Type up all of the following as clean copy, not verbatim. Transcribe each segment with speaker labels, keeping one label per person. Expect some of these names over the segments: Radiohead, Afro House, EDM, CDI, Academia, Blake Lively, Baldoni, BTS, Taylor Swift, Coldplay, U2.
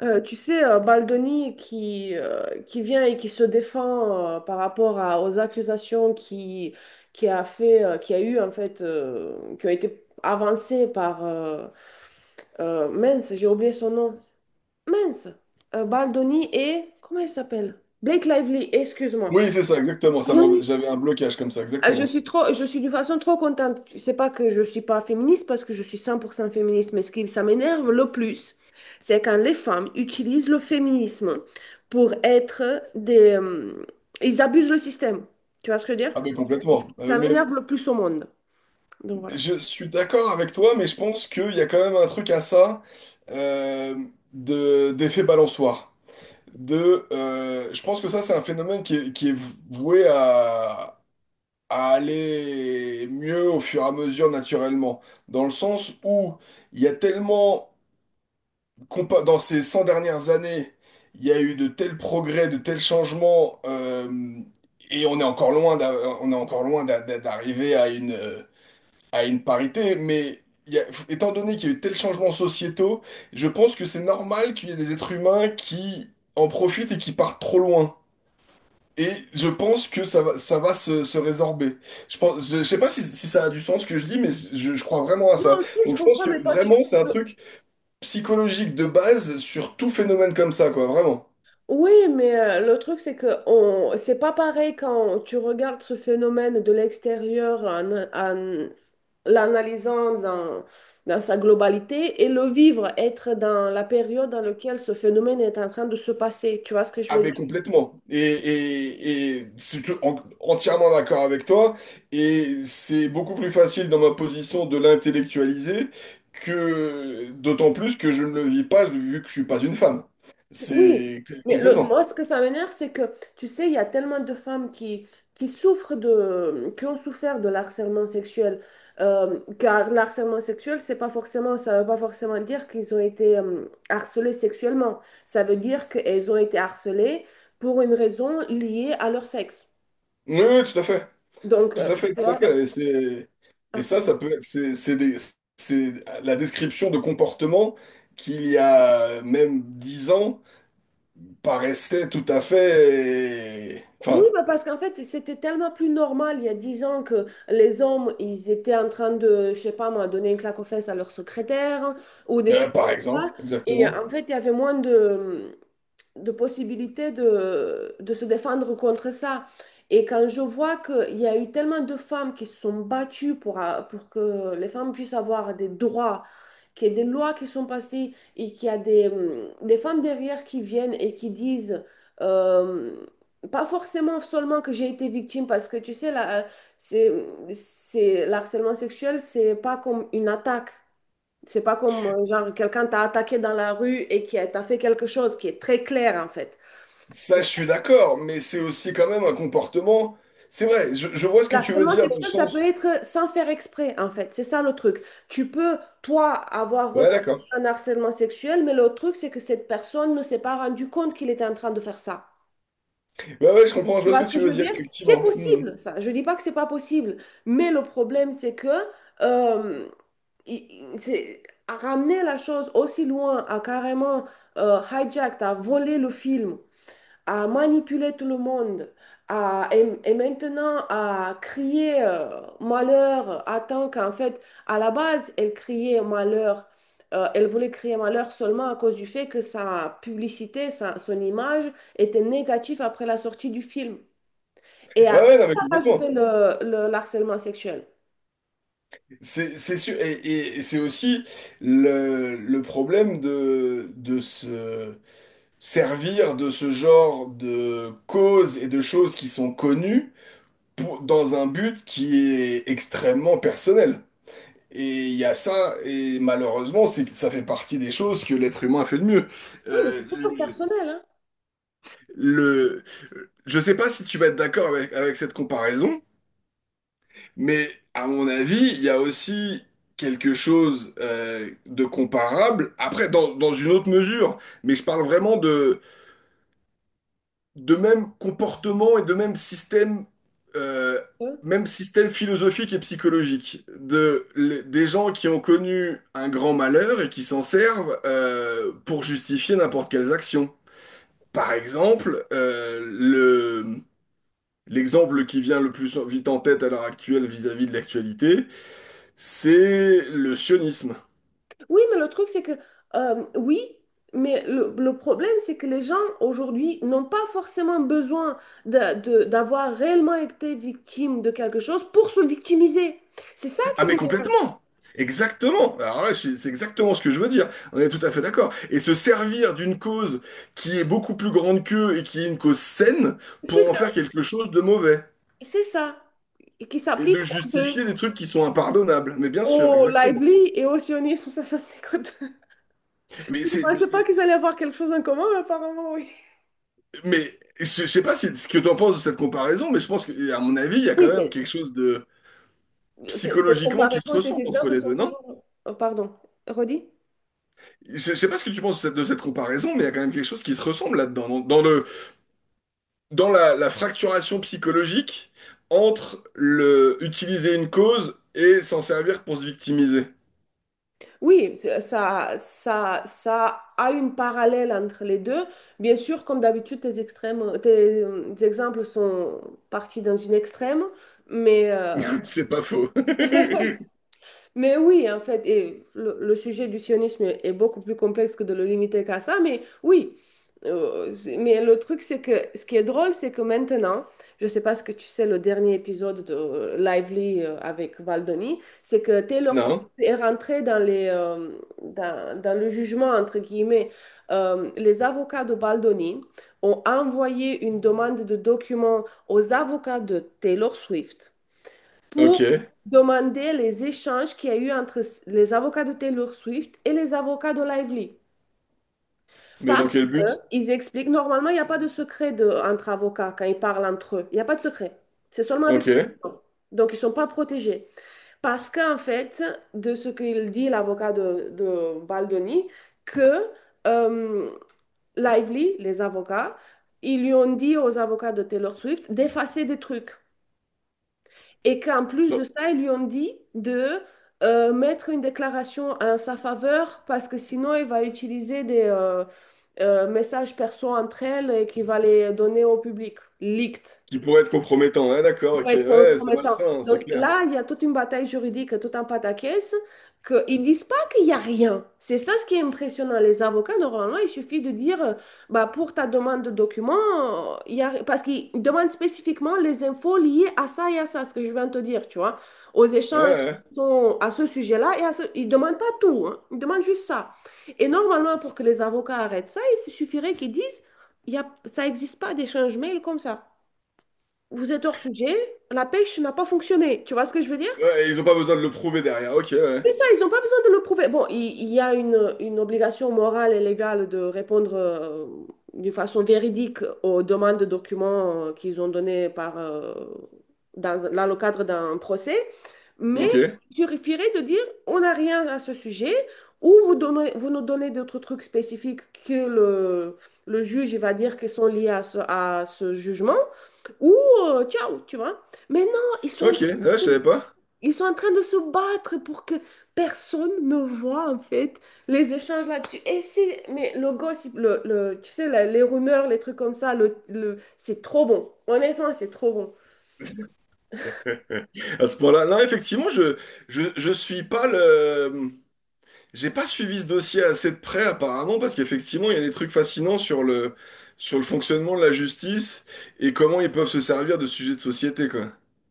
Speaker 1: Tu sais, Baldoni qui vient et qui se défend par rapport à- aux accusations qui a fait, qui a eu en fait, qui ont été avancées par mince, j'ai oublié son nom. Mince, Baldoni et comment il s'appelle? Blake Lively, excuse-moi.
Speaker 2: Oui, c'est ça, exactement. J'avais un blocage comme ça,
Speaker 1: Ah, je
Speaker 2: exactement.
Speaker 1: suis trop, je suis de façon trop contente. Tu sais pas que je suis pas féministe parce que je suis 100% féministe, mais ce qui ça m'énerve le plus, c'est quand les femmes utilisent le féminisme pour être des, ils abusent le système. Tu vois ce que je veux dire?
Speaker 2: Ah ben
Speaker 1: Est-ce
Speaker 2: complètement.
Speaker 1: qui
Speaker 2: Euh,
Speaker 1: ça
Speaker 2: mais
Speaker 1: m'énerve le plus au monde. Donc voilà.
Speaker 2: je suis d'accord avec toi, mais je pense qu'il y a quand même un truc à ça euh, de, d'effet balançoire. De, je pense que ça, c'est un phénomène qui est voué à aller mieux au fur et à mesure naturellement. Dans le sens où il y a tellement dans ces 100 dernières années, il y a eu de tels progrès, de tels changements, et on est encore loin d'a- on est encore loin d'a- d'a- d'arriver à une parité, mais étant donné qu'il y a eu tels changements sociétaux, je pense que c'est normal qu'il y ait des êtres humains qui en profitent et qui partent trop loin. Et je pense que ça va se, se résorber. Je sais pas si, si ça a du sens ce que je dis, mais je crois vraiment à ça.
Speaker 1: Non, si, je
Speaker 2: Donc je pense
Speaker 1: comprends,
Speaker 2: que
Speaker 1: mais toi, tu,
Speaker 2: vraiment c'est un truc psychologique de base sur tout phénomène comme ça, quoi, vraiment.
Speaker 1: oui, mais le truc, c'est que on... c'est pas pareil quand tu regardes ce phénomène de l'extérieur en, en l'analysant dans, dans sa globalité et le vivre, être dans la période dans laquelle ce phénomène est en train de se passer. Tu vois ce que je
Speaker 2: Ah
Speaker 1: veux
Speaker 2: mais
Speaker 1: dire?
Speaker 2: complètement. Et c'est entièrement d'accord avec toi. Et c'est beaucoup plus facile dans ma position de l'intellectualiser que d'autant plus que je ne le vis pas vu que je suis pas une femme.
Speaker 1: Oui,
Speaker 2: C'est
Speaker 1: mais le,
Speaker 2: complètement.
Speaker 1: moi, ce que ça m'énerve, c'est que, tu sais, il y a tellement de femmes qui souffrent de, qui ont souffert de l'harcèlement sexuel. Car l'harcèlement sexuel, c'est pas forcément, ça veut pas forcément dire qu'ils ont été harcelés sexuellement. Ça veut dire qu'elles ont été harcelées pour une raison liée à leur sexe.
Speaker 2: Oui, tout à fait.
Speaker 1: Donc,
Speaker 2: Tout à fait,
Speaker 1: tu
Speaker 2: tout à
Speaker 1: vois.
Speaker 2: fait. Et c'est,
Speaker 1: Ah,
Speaker 2: et ça,
Speaker 1: pardon.
Speaker 2: ça peut être, c'est la description de comportements qu'il y a même dix ans paraissait tout à fait…
Speaker 1: Oui,
Speaker 2: Enfin,
Speaker 1: bah parce qu'en fait, c'était tellement plus normal il y a 10 ans que les hommes, ils étaient en train de, je sais pas moi, donner une claque aux fesses à leur secrétaire ou des choses
Speaker 2: par
Speaker 1: comme
Speaker 2: exemple,
Speaker 1: ça. Et
Speaker 2: exactement.
Speaker 1: en fait, il y avait moins de possibilités de se défendre contre ça. Et quand je vois qu'il y a eu tellement de femmes qui se sont battues pour, a- pour que les femmes puissent avoir des droits qu'il y a des lois qui sont passées et qu'il y a des femmes derrière qui viennent et qui disent, euh, pas forcément seulement que j'ai été victime, parce que tu sais, la, c'est, c'est, l'harcèlement sexuel, c'est pas comme une attaque. C'est pas comme, genre, quelqu'un t'a attaqué dans la rue et qui a- t'a fait quelque chose qui est très clair, en fait.
Speaker 2: Ça, je suis d'accord, mais c'est aussi quand même un comportement… C'est vrai, je vois ce que tu veux
Speaker 1: L'harcèlement
Speaker 2: dire dans le
Speaker 1: sexuel, ça peut
Speaker 2: sens…
Speaker 1: être sans faire exprès, en fait. C'est ça le truc. Tu peux, toi, avoir
Speaker 2: Ouais,
Speaker 1: ressenti
Speaker 2: d'accord.
Speaker 1: un harcèlement sexuel, mais le truc, c'est que cette personne ne s'est pas rendu compte qu'il était en train de faire ça.
Speaker 2: Ouais, je comprends, je
Speaker 1: Tu
Speaker 2: vois ce
Speaker 1: vois
Speaker 2: que
Speaker 1: ce que
Speaker 2: tu
Speaker 1: je
Speaker 2: veux
Speaker 1: veux
Speaker 2: dire,
Speaker 1: dire? C'est
Speaker 2: effectivement. Hmm.
Speaker 1: possible, ça. Je dis pas que c'est pas possible. Mais le problème, c'est que euh, il- il- c'est- à ramener la chose aussi loin, à carrément hijack, à voler le film à manipuler tout le monde, à, et maintenant à crier malheur, à tant qu'en fait, à la base, elle criait malheur. Elle voulait crier malheur seulement à cause du fait que sa publicité, sa- son image était négative après la sortie du film. Et après,
Speaker 2: Ouais, non, mais
Speaker 1: elle a rajouté
Speaker 2: complètement.
Speaker 1: le harcèlement sexuel.
Speaker 2: C'est sûr, et c'est aussi le problème de se servir de ce genre de causes et de choses qui sont connues dans un but qui est extrêmement personnel. Et il y a ça, et malheureusement, c'est, ça fait partie des choses que l'être humain a fait de mieux.
Speaker 1: Oui, mais
Speaker 2: Euh,
Speaker 1: c'est toujours
Speaker 2: le,
Speaker 1: personnel, hein.
Speaker 2: le- je sais pas si tu vas être d'accord avec, avec cette comparaison, mais à mon avis, il y a aussi quelque chose de comparable, après, dans, dans une autre mesure, mais je parle vraiment de même comportement et de euh, même système philosophique et psychologique. De, des gens qui ont connu un grand malheur et qui s'en servent pour justifier n'importe quelles actions. Par exemple, l'exemple qui vient le plus vite en tête à l'heure actuelle vis-à-vis de l'actualité, c'est le sionisme.
Speaker 1: Oui, mais le truc, c'est que, oui, mais le problème, c'est que les gens aujourd'hui n'ont pas forcément besoin de- d'avoir réellement été victimes de quelque chose pour se victimiser. C'est ça
Speaker 2: Ah
Speaker 1: qui
Speaker 2: mais
Speaker 1: m'énerve.
Speaker 2: complètement. Exactement. Alors là, c'est exactement ce que je veux dire. On est tout à fait d'accord. Et se servir d'une cause qui est beaucoup plus grande qu'eux et qui est une cause saine
Speaker 1: C'est
Speaker 2: pour en
Speaker 1: ça,
Speaker 2: faire quelque chose de mauvais.
Speaker 1: c'est ça. Et qui
Speaker 2: Et
Speaker 1: s'applique
Speaker 2: de
Speaker 1: un peu
Speaker 2: justifier des trucs qui sont impardonnables. Mais bien sûr,
Speaker 1: au
Speaker 2: exactement.
Speaker 1: lively et au sionisme. Ça m'écoute.
Speaker 2: Mais
Speaker 1: Je ne
Speaker 2: c'est,
Speaker 1: pensais pas qu'ils allaient avoir quelque chose en commun, mais apparemment, oui.
Speaker 2: mais je sais pas si, ce que tu en penses de cette comparaison, mais je pense que, à mon avis, il y a quand
Speaker 1: Oui,
Speaker 2: même
Speaker 1: c'est...
Speaker 2: quelque chose de
Speaker 1: Tes tes
Speaker 2: psychologiquement qui se
Speaker 1: comparaisons et tes
Speaker 2: ressemble entre
Speaker 1: exemples
Speaker 2: les
Speaker 1: sont
Speaker 2: deux, non?
Speaker 1: toujours... Oh, pardon, redis?
Speaker 2: Je sais pas ce que tu penses de cette comparaison, mais il y a quand même quelque chose qui se ressemble là-dedans, dans, dans la, la fracturation psychologique entre le utiliser une cause et s'en servir pour se victimiser.
Speaker 1: Oui, c'est- ça a une parallèle entre les deux. Bien sûr, comme d'habitude, tes extrêmes, tes, tes exemples sont partis dans une extrême, mais
Speaker 2: C'est pas faux.
Speaker 1: Mais oui, en fait, et le sujet du sionisme est beaucoup plus complexe que de le limiter qu'à ça, mais oui. C'est- mais le truc, c'est que ce qui est drôle, c'est que maintenant, je sais pas ce que tu sais, le dernier épisode de Lively avec Valdoni, c'est que Taylor Swift
Speaker 2: Non?
Speaker 1: est rentrée dans les, dans, dans le jugement, entre guillemets. Les avocats de Valdoni ont envoyé une demande de documents aux avocats de Taylor Swift pour
Speaker 2: Ok.
Speaker 1: demander les échanges qu'il y a eu entre les avocats de Taylor Swift et les avocats de Lively.
Speaker 2: Mais dans
Speaker 1: Parce
Speaker 2: quel but?
Speaker 1: qu'ils expliquent, normalement, il n'y a pas de secret de- entre avocats quand ils parlent entre eux. Il n'y a pas de secret. C'est seulement avec
Speaker 2: Ok.
Speaker 1: toi. Donc, ils ne sont pas protégés. Parce qu'en fait, de ce qu'il dit l'avocat de Baldoni, que euh, Lively, les avocats, ils lui ont dit aux avocats de Taylor Swift d'effacer des trucs. Et qu'en plus de
Speaker 2: Dans-
Speaker 1: ça, ils lui ont dit de mettre une déclaration en sa faveur parce que sinon, il va utiliser des messages perso entre elles et qu'il va les donner au public, leaked
Speaker 2: Qui pourrait être compromettant. Ouais,
Speaker 1: qui
Speaker 2: d'accord,
Speaker 1: peut
Speaker 2: ok.
Speaker 1: être
Speaker 2: Ouais, c'est
Speaker 1: compromettant.
Speaker 2: malsain, hein, c'est
Speaker 1: Donc
Speaker 2: clair.
Speaker 1: là, il y a toute une bataille juridique, tout un pataquès, qu'ils ne disent pas qu'il n'y a rien. C'est ça ce qui est impressionnant. Les avocats, normalement, il suffit de dire, bah, pour ta demande de documents, il y a... parce qu'ils demandent spécifiquement les infos liées à ça et à ça, ce que je viens de te dire, tu vois, aux
Speaker 2: Ouais,
Speaker 1: échanges.
Speaker 2: ouais.
Speaker 1: Qui sont à ce sujet-là et à ce... Ils ne demandent pas tout, hein. Ils demandent juste ça. Et normalement, pour que les avocats arrêtent ça, il suffirait qu'ils disent, il y a... ça n'existe pas d'échange mail comme ça. Vous êtes hors sujet, la pêche n'a pas fonctionné. Tu vois ce que je veux dire?
Speaker 2: Ouais, et ils ont pas besoin de le prouver derrière. Ok, ouais.
Speaker 1: C'est ça, ils n'ont pas besoin de le prouver. Bon, il y a une obligation morale et légale de répondre d'une façon véridique aux demandes de documents qu'ils ont données par, dans, dans le cadre d'un procès, mais
Speaker 2: Ok.
Speaker 1: il suffirait de dire on n'a rien à ce sujet ou vous donnez, vous nous donnez d'autres trucs spécifiques que le juge il va dire qui sont liés à ce jugement ou ciao, tu vois. Mais non, ils sont en
Speaker 2: Ok,
Speaker 1: train
Speaker 2: ouais, je
Speaker 1: de te
Speaker 2: savais pas.
Speaker 1: ils sont en train de se battre pour que personne ne voit en fait les échanges là-dessus. Et c'est, mais le gossip, le- tu sais, la- les rumeurs, les trucs comme ça, le- c'est trop bon. Honnêtement, c'est trop bon.
Speaker 2: À ce point-là, non, effectivement, je suis pas le. J'ai pas suivi ce dossier assez de près apparemment parce qu'effectivement il y a des trucs fascinants sur le fonctionnement de la justice et comment ils peuvent se servir de sujets de société quoi.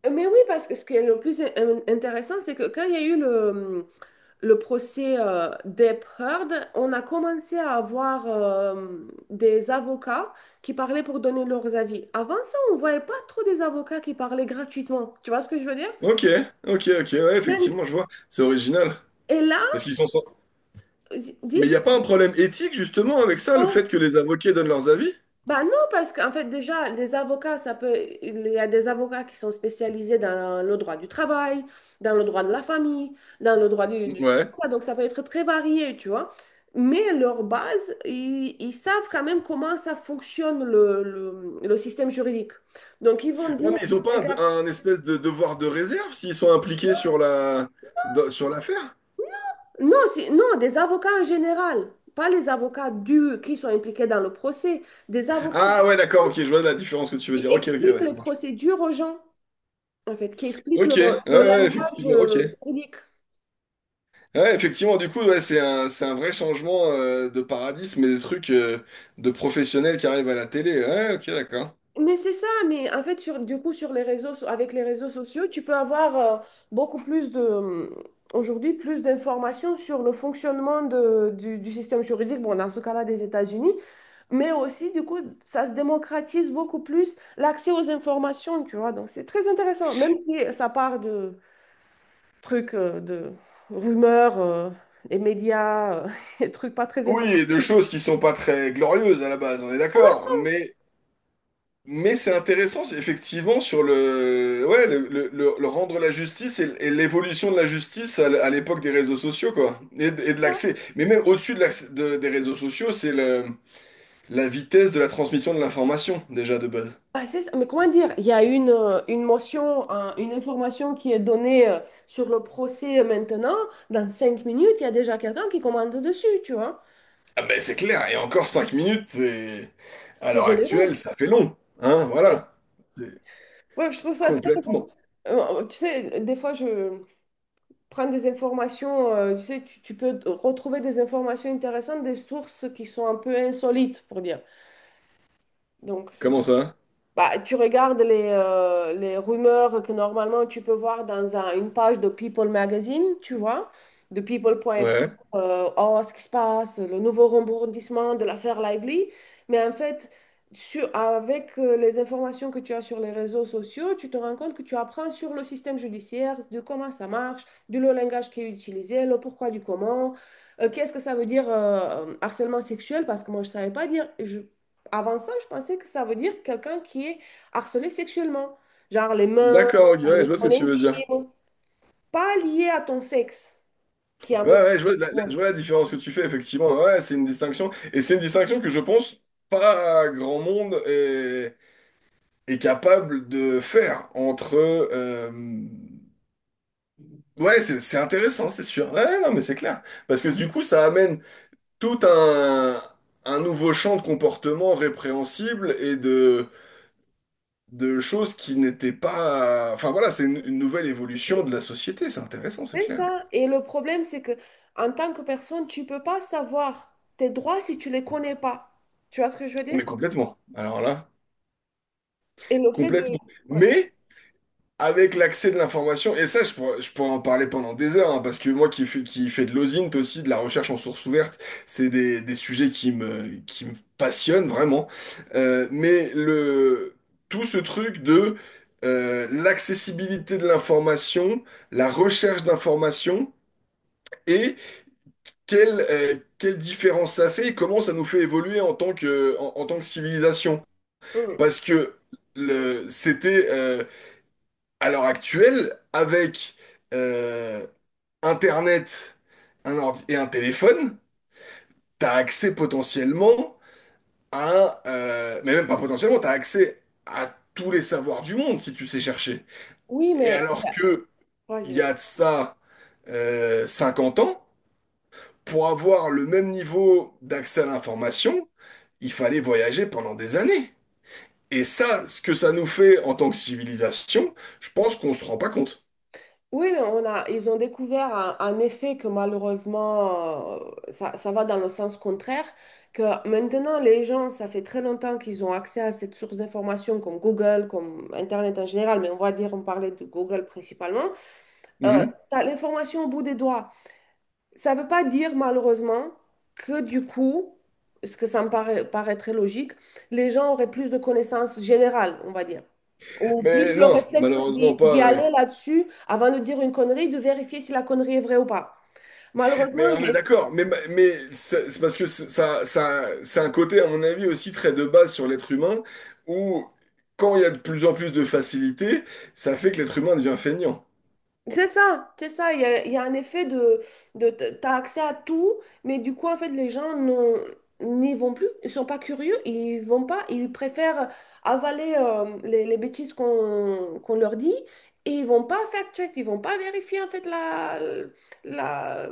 Speaker 1: Mais oui, parce que ce qui est le plus in- intéressant, c'est que quand il y a eu le procès d'Hep Heard, on a commencé à avoir des avocats qui parlaient pour donner leurs avis. Avant ça, on ne voyait pas trop des avocats qui parlaient gratuitement. Tu vois ce que je veux dire?
Speaker 2: Ok, ok, ouais,
Speaker 1: Maintenant-
Speaker 2: effectivement, je vois, c'est original.
Speaker 1: et là,
Speaker 2: Parce qu'ils sont…
Speaker 1: dis?
Speaker 2: Mais il n'y a pas un problème éthique, justement, avec ça, le
Speaker 1: Ouais.
Speaker 2: fait que les avocats donnent leurs avis?
Speaker 1: Bah non, parce qu'en fait, déjà, les avocats, ça peut... Il y a des avocats qui sont spécialisés dans le droit du travail, dans le droit de la famille, dans le droit du truc
Speaker 2: Ouais.
Speaker 1: comme ça. Donc, ça peut être très varié, tu vois. Mais leur base, ils savent quand même comment ça fonctionne le système juridique. Donc, ils vont
Speaker 2: Ouais,
Speaker 1: dire,
Speaker 2: mais ils ont pas
Speaker 1: regarde,
Speaker 2: un espèce de devoir de réserve s'ils sont impliqués sur la… sur l'affaire?
Speaker 1: non, c'est- non, des avocats en général, pas les avocats du, qui sont impliqués dans le procès, des avocats
Speaker 2: Ah ouais, d'accord, ok, je vois la différence que tu veux
Speaker 1: qui
Speaker 2: dire. Ok,
Speaker 1: expliquent
Speaker 2: ouais,
Speaker 1: les
Speaker 2: ça marche.
Speaker 1: procédures aux gens. En fait, qui explique
Speaker 2: Ok,
Speaker 1: le
Speaker 2: ouais,
Speaker 1: langage
Speaker 2: effectivement, ok.
Speaker 1: unique.
Speaker 2: Ouais, effectivement, du coup, ouais, c'est c'est un vrai changement de paradigme mais des trucs de professionnels qui arrivent à la télé. Ouais, ok, d'accord.
Speaker 1: Mais c'est ça, mais en fait, sur, du coup, sur les réseaux, so- avec les réseaux sociaux, tu peux avoir beaucoup plus de, aujourd'hui, plus d'informations sur le fonctionnement de- du système juridique, bon, dans ce cas-là, des États-Unis, mais aussi, du coup, ça se démocratise beaucoup plus l'accès aux informations, tu vois. Donc, c'est très intéressant, même si ça part de trucs, de rumeurs, et médias, et trucs pas très
Speaker 2: Oui, et
Speaker 1: importants.
Speaker 2: de choses qui sont pas très glorieuses à la base, on est d'accord. Mais c'est intéressant, c'est effectivement, sur le, ouais, le rendre la justice et l'évolution de la justice à, à l'époque des réseaux sociaux, quoi. Et de l'accès. Mais même au-dessus de des réseaux sociaux, c'est la vitesse de la transmission de l'information, déjà, de base.
Speaker 1: Ah, c'est ça. Mais comment dire, il y a une motion, un- une information qui est donnée sur le procès maintenant. Dans 5 minutes, il y a déjà quelqu'un qui commente dessus, tu vois.
Speaker 2: Ah ben c'est clair, et encore 5 minutes, c'est… à
Speaker 1: C'est
Speaker 2: l'heure
Speaker 1: généreux.
Speaker 2: actuelle, ça fait long. Hein, voilà. C'est
Speaker 1: Ouais, je trouve ça très...
Speaker 2: complètement.
Speaker 1: tu sais, des fois, je prends des informations, tu sais, tu peux retrouver des informations intéressantes, des sources qui sont un peu insolites, pour dire. Donc, c'est-
Speaker 2: Comment ça?
Speaker 1: bah, tu regardes les rumeurs que normalement tu peux voir dans un- une page de People Magazine, tu vois, de people.fr,
Speaker 2: Ouais.
Speaker 1: oh, ce qui se passe, le nouveau rebondissement de l'affaire Lively. Mais en fait, sur- avec les informations que tu as sur les réseaux sociaux, tu te rends compte que tu apprends sur le système judiciaire, de comment ça marche, du le langage qui est utilisé, le pourquoi du comment, qu'est-ce que ça veut dire harcèlement sexuel, parce que moi je ne savais pas dire, avant ça, je pensais que ça veut dire quelqu'un qui est harcelé sexuellement, genre les mains,
Speaker 2: D'accord, ok, ouais,
Speaker 1: les
Speaker 2: je vois ce que
Speaker 1: zones
Speaker 2: tu veux dire.
Speaker 1: intimes, pas lié à ton sexe, qui est un
Speaker 2: Ouais,
Speaker 1: peu
Speaker 2: je
Speaker 1: plus
Speaker 2: vois la, je
Speaker 1: broad.
Speaker 2: vois la différence que tu fais, effectivement. Ouais, c'est une distinction. Et c'est une distinction que je pense pas grand monde est capable de faire entre… Ouais, c'est intéressant, c'est sûr. Ouais, non, mais c'est clair. Parce que du coup, ça amène tout un nouveau champ de comportements répréhensibles et de choses qui n'étaient pas… Enfin voilà, c'est une nouvelle évolution de la société, c'est intéressant, c'est
Speaker 1: C'est
Speaker 2: clair.
Speaker 1: ça. Et le problème, c'est que en tant que personne, tu peux pas savoir tes droits si tu les connais pas. Tu vois ce que je veux dire?
Speaker 2: Mais complètement. Alors là,
Speaker 1: Et le fait de...
Speaker 2: complètement.
Speaker 1: ouais.
Speaker 2: Mais avec l'accès de l'information, et ça, je pourrais en parler pendant des heures, hein, parce que moi qui fais de l'OSINT aussi, de la recherche en source ouverte c'est des sujets qui me passionnent vraiment. Euh, mais le, tout ce truc de l'accessibilité de l'information, la recherche d'information, et quelle différence ça fait, et comment ça nous fait évoluer en tant que, en tant que civilisation.
Speaker 1: Mm.
Speaker 2: Parce que c'était… à l'heure actuelle, avec euh, Internet, un ordi et un téléphone, tu as accès potentiellement à… mais même pas potentiellement, tu as accès à tous les savoirs du monde si tu sais chercher.
Speaker 1: Oui,
Speaker 2: Et
Speaker 1: mais...
Speaker 2: alors que il
Speaker 1: Vas-y,
Speaker 2: y a
Speaker 1: vas-y.
Speaker 2: de ça 50 ans, pour avoir le même niveau d'accès à l'information, il fallait voyager pendant des années. Et ça, ce que ça nous fait en tant que civilisation, je pense qu'on se rend pas compte.
Speaker 1: Oui, mais on a, ils ont découvert un effet que malheureusement, ça, ça va dans le sens contraire, que maintenant les gens, ça fait très longtemps qu'ils ont accès à cette source d'information comme Google, comme Internet en général, mais on va dire, on parlait de Google principalement. Euh,
Speaker 2: Mhm.
Speaker 1: Tu l'information au bout des doigts. Ça ne veut pas dire malheureusement que du coup, ce que ça me paraît, paraît très logique, les gens auraient plus de connaissances générales, on va dire. Ou
Speaker 2: Mais
Speaker 1: plus le
Speaker 2: non,
Speaker 1: réflexe
Speaker 2: malheureusement
Speaker 1: d'y
Speaker 2: pas.
Speaker 1: d'y aller là-dessus avant de dire une connerie, de vérifier si la connerie est vraie ou pas. Malheureusement,
Speaker 2: Mais on
Speaker 1: il y
Speaker 2: est
Speaker 1: a-
Speaker 2: d'accord. Mais c'est parce que ça, c'est un côté, à mon avis, aussi très de base sur l'être humain, où quand il y a de plus en plus de facilité, ça fait que l'être humain devient feignant.
Speaker 1: c'est ça, c'est ça. Il y a un effet de t- t'as accès à tout, mais du coup, en fait, les gens n'ont- n'y vont plus. Ils sont pas curieux, ils vont pas, ils préfèrent avaler les bêtises qu'on leur dit et ils vont pas fact-check, ils vont pas vérifier en fait la, la...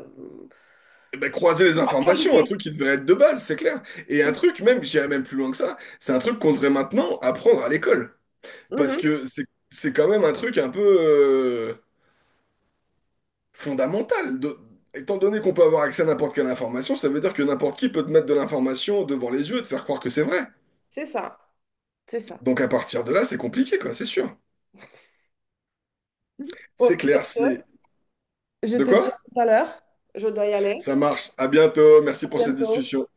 Speaker 2: Eh ben, croiser les informations, un
Speaker 1: Actualité.
Speaker 2: truc qui devrait être de base, c'est clair. Et un truc, même, j'irais même plus loin que ça, c'est un truc qu'on devrait maintenant apprendre à l'école. Parce
Speaker 1: Mhm.
Speaker 2: que c'est quand même un truc un peu… fondamentale. De- Étant donné qu'on peut avoir accès à n'importe quelle information, ça veut dire que n'importe qui peut te mettre de l'information devant les yeux et te faire croire que c'est vrai.
Speaker 1: C'est ça, c'est ça.
Speaker 2: Donc à partir de là, c'est compliqué, quoi, c'est sûr. C'est
Speaker 1: Bon, sur
Speaker 2: clair,
Speaker 1: ce.
Speaker 2: c'est…
Speaker 1: Je
Speaker 2: De
Speaker 1: te dis
Speaker 2: quoi?
Speaker 1: à tout à l'heure. Je dois y aller.
Speaker 2: Ça marche. À bientôt. Merci
Speaker 1: À
Speaker 2: pour cette
Speaker 1: bientôt.
Speaker 2: discussion.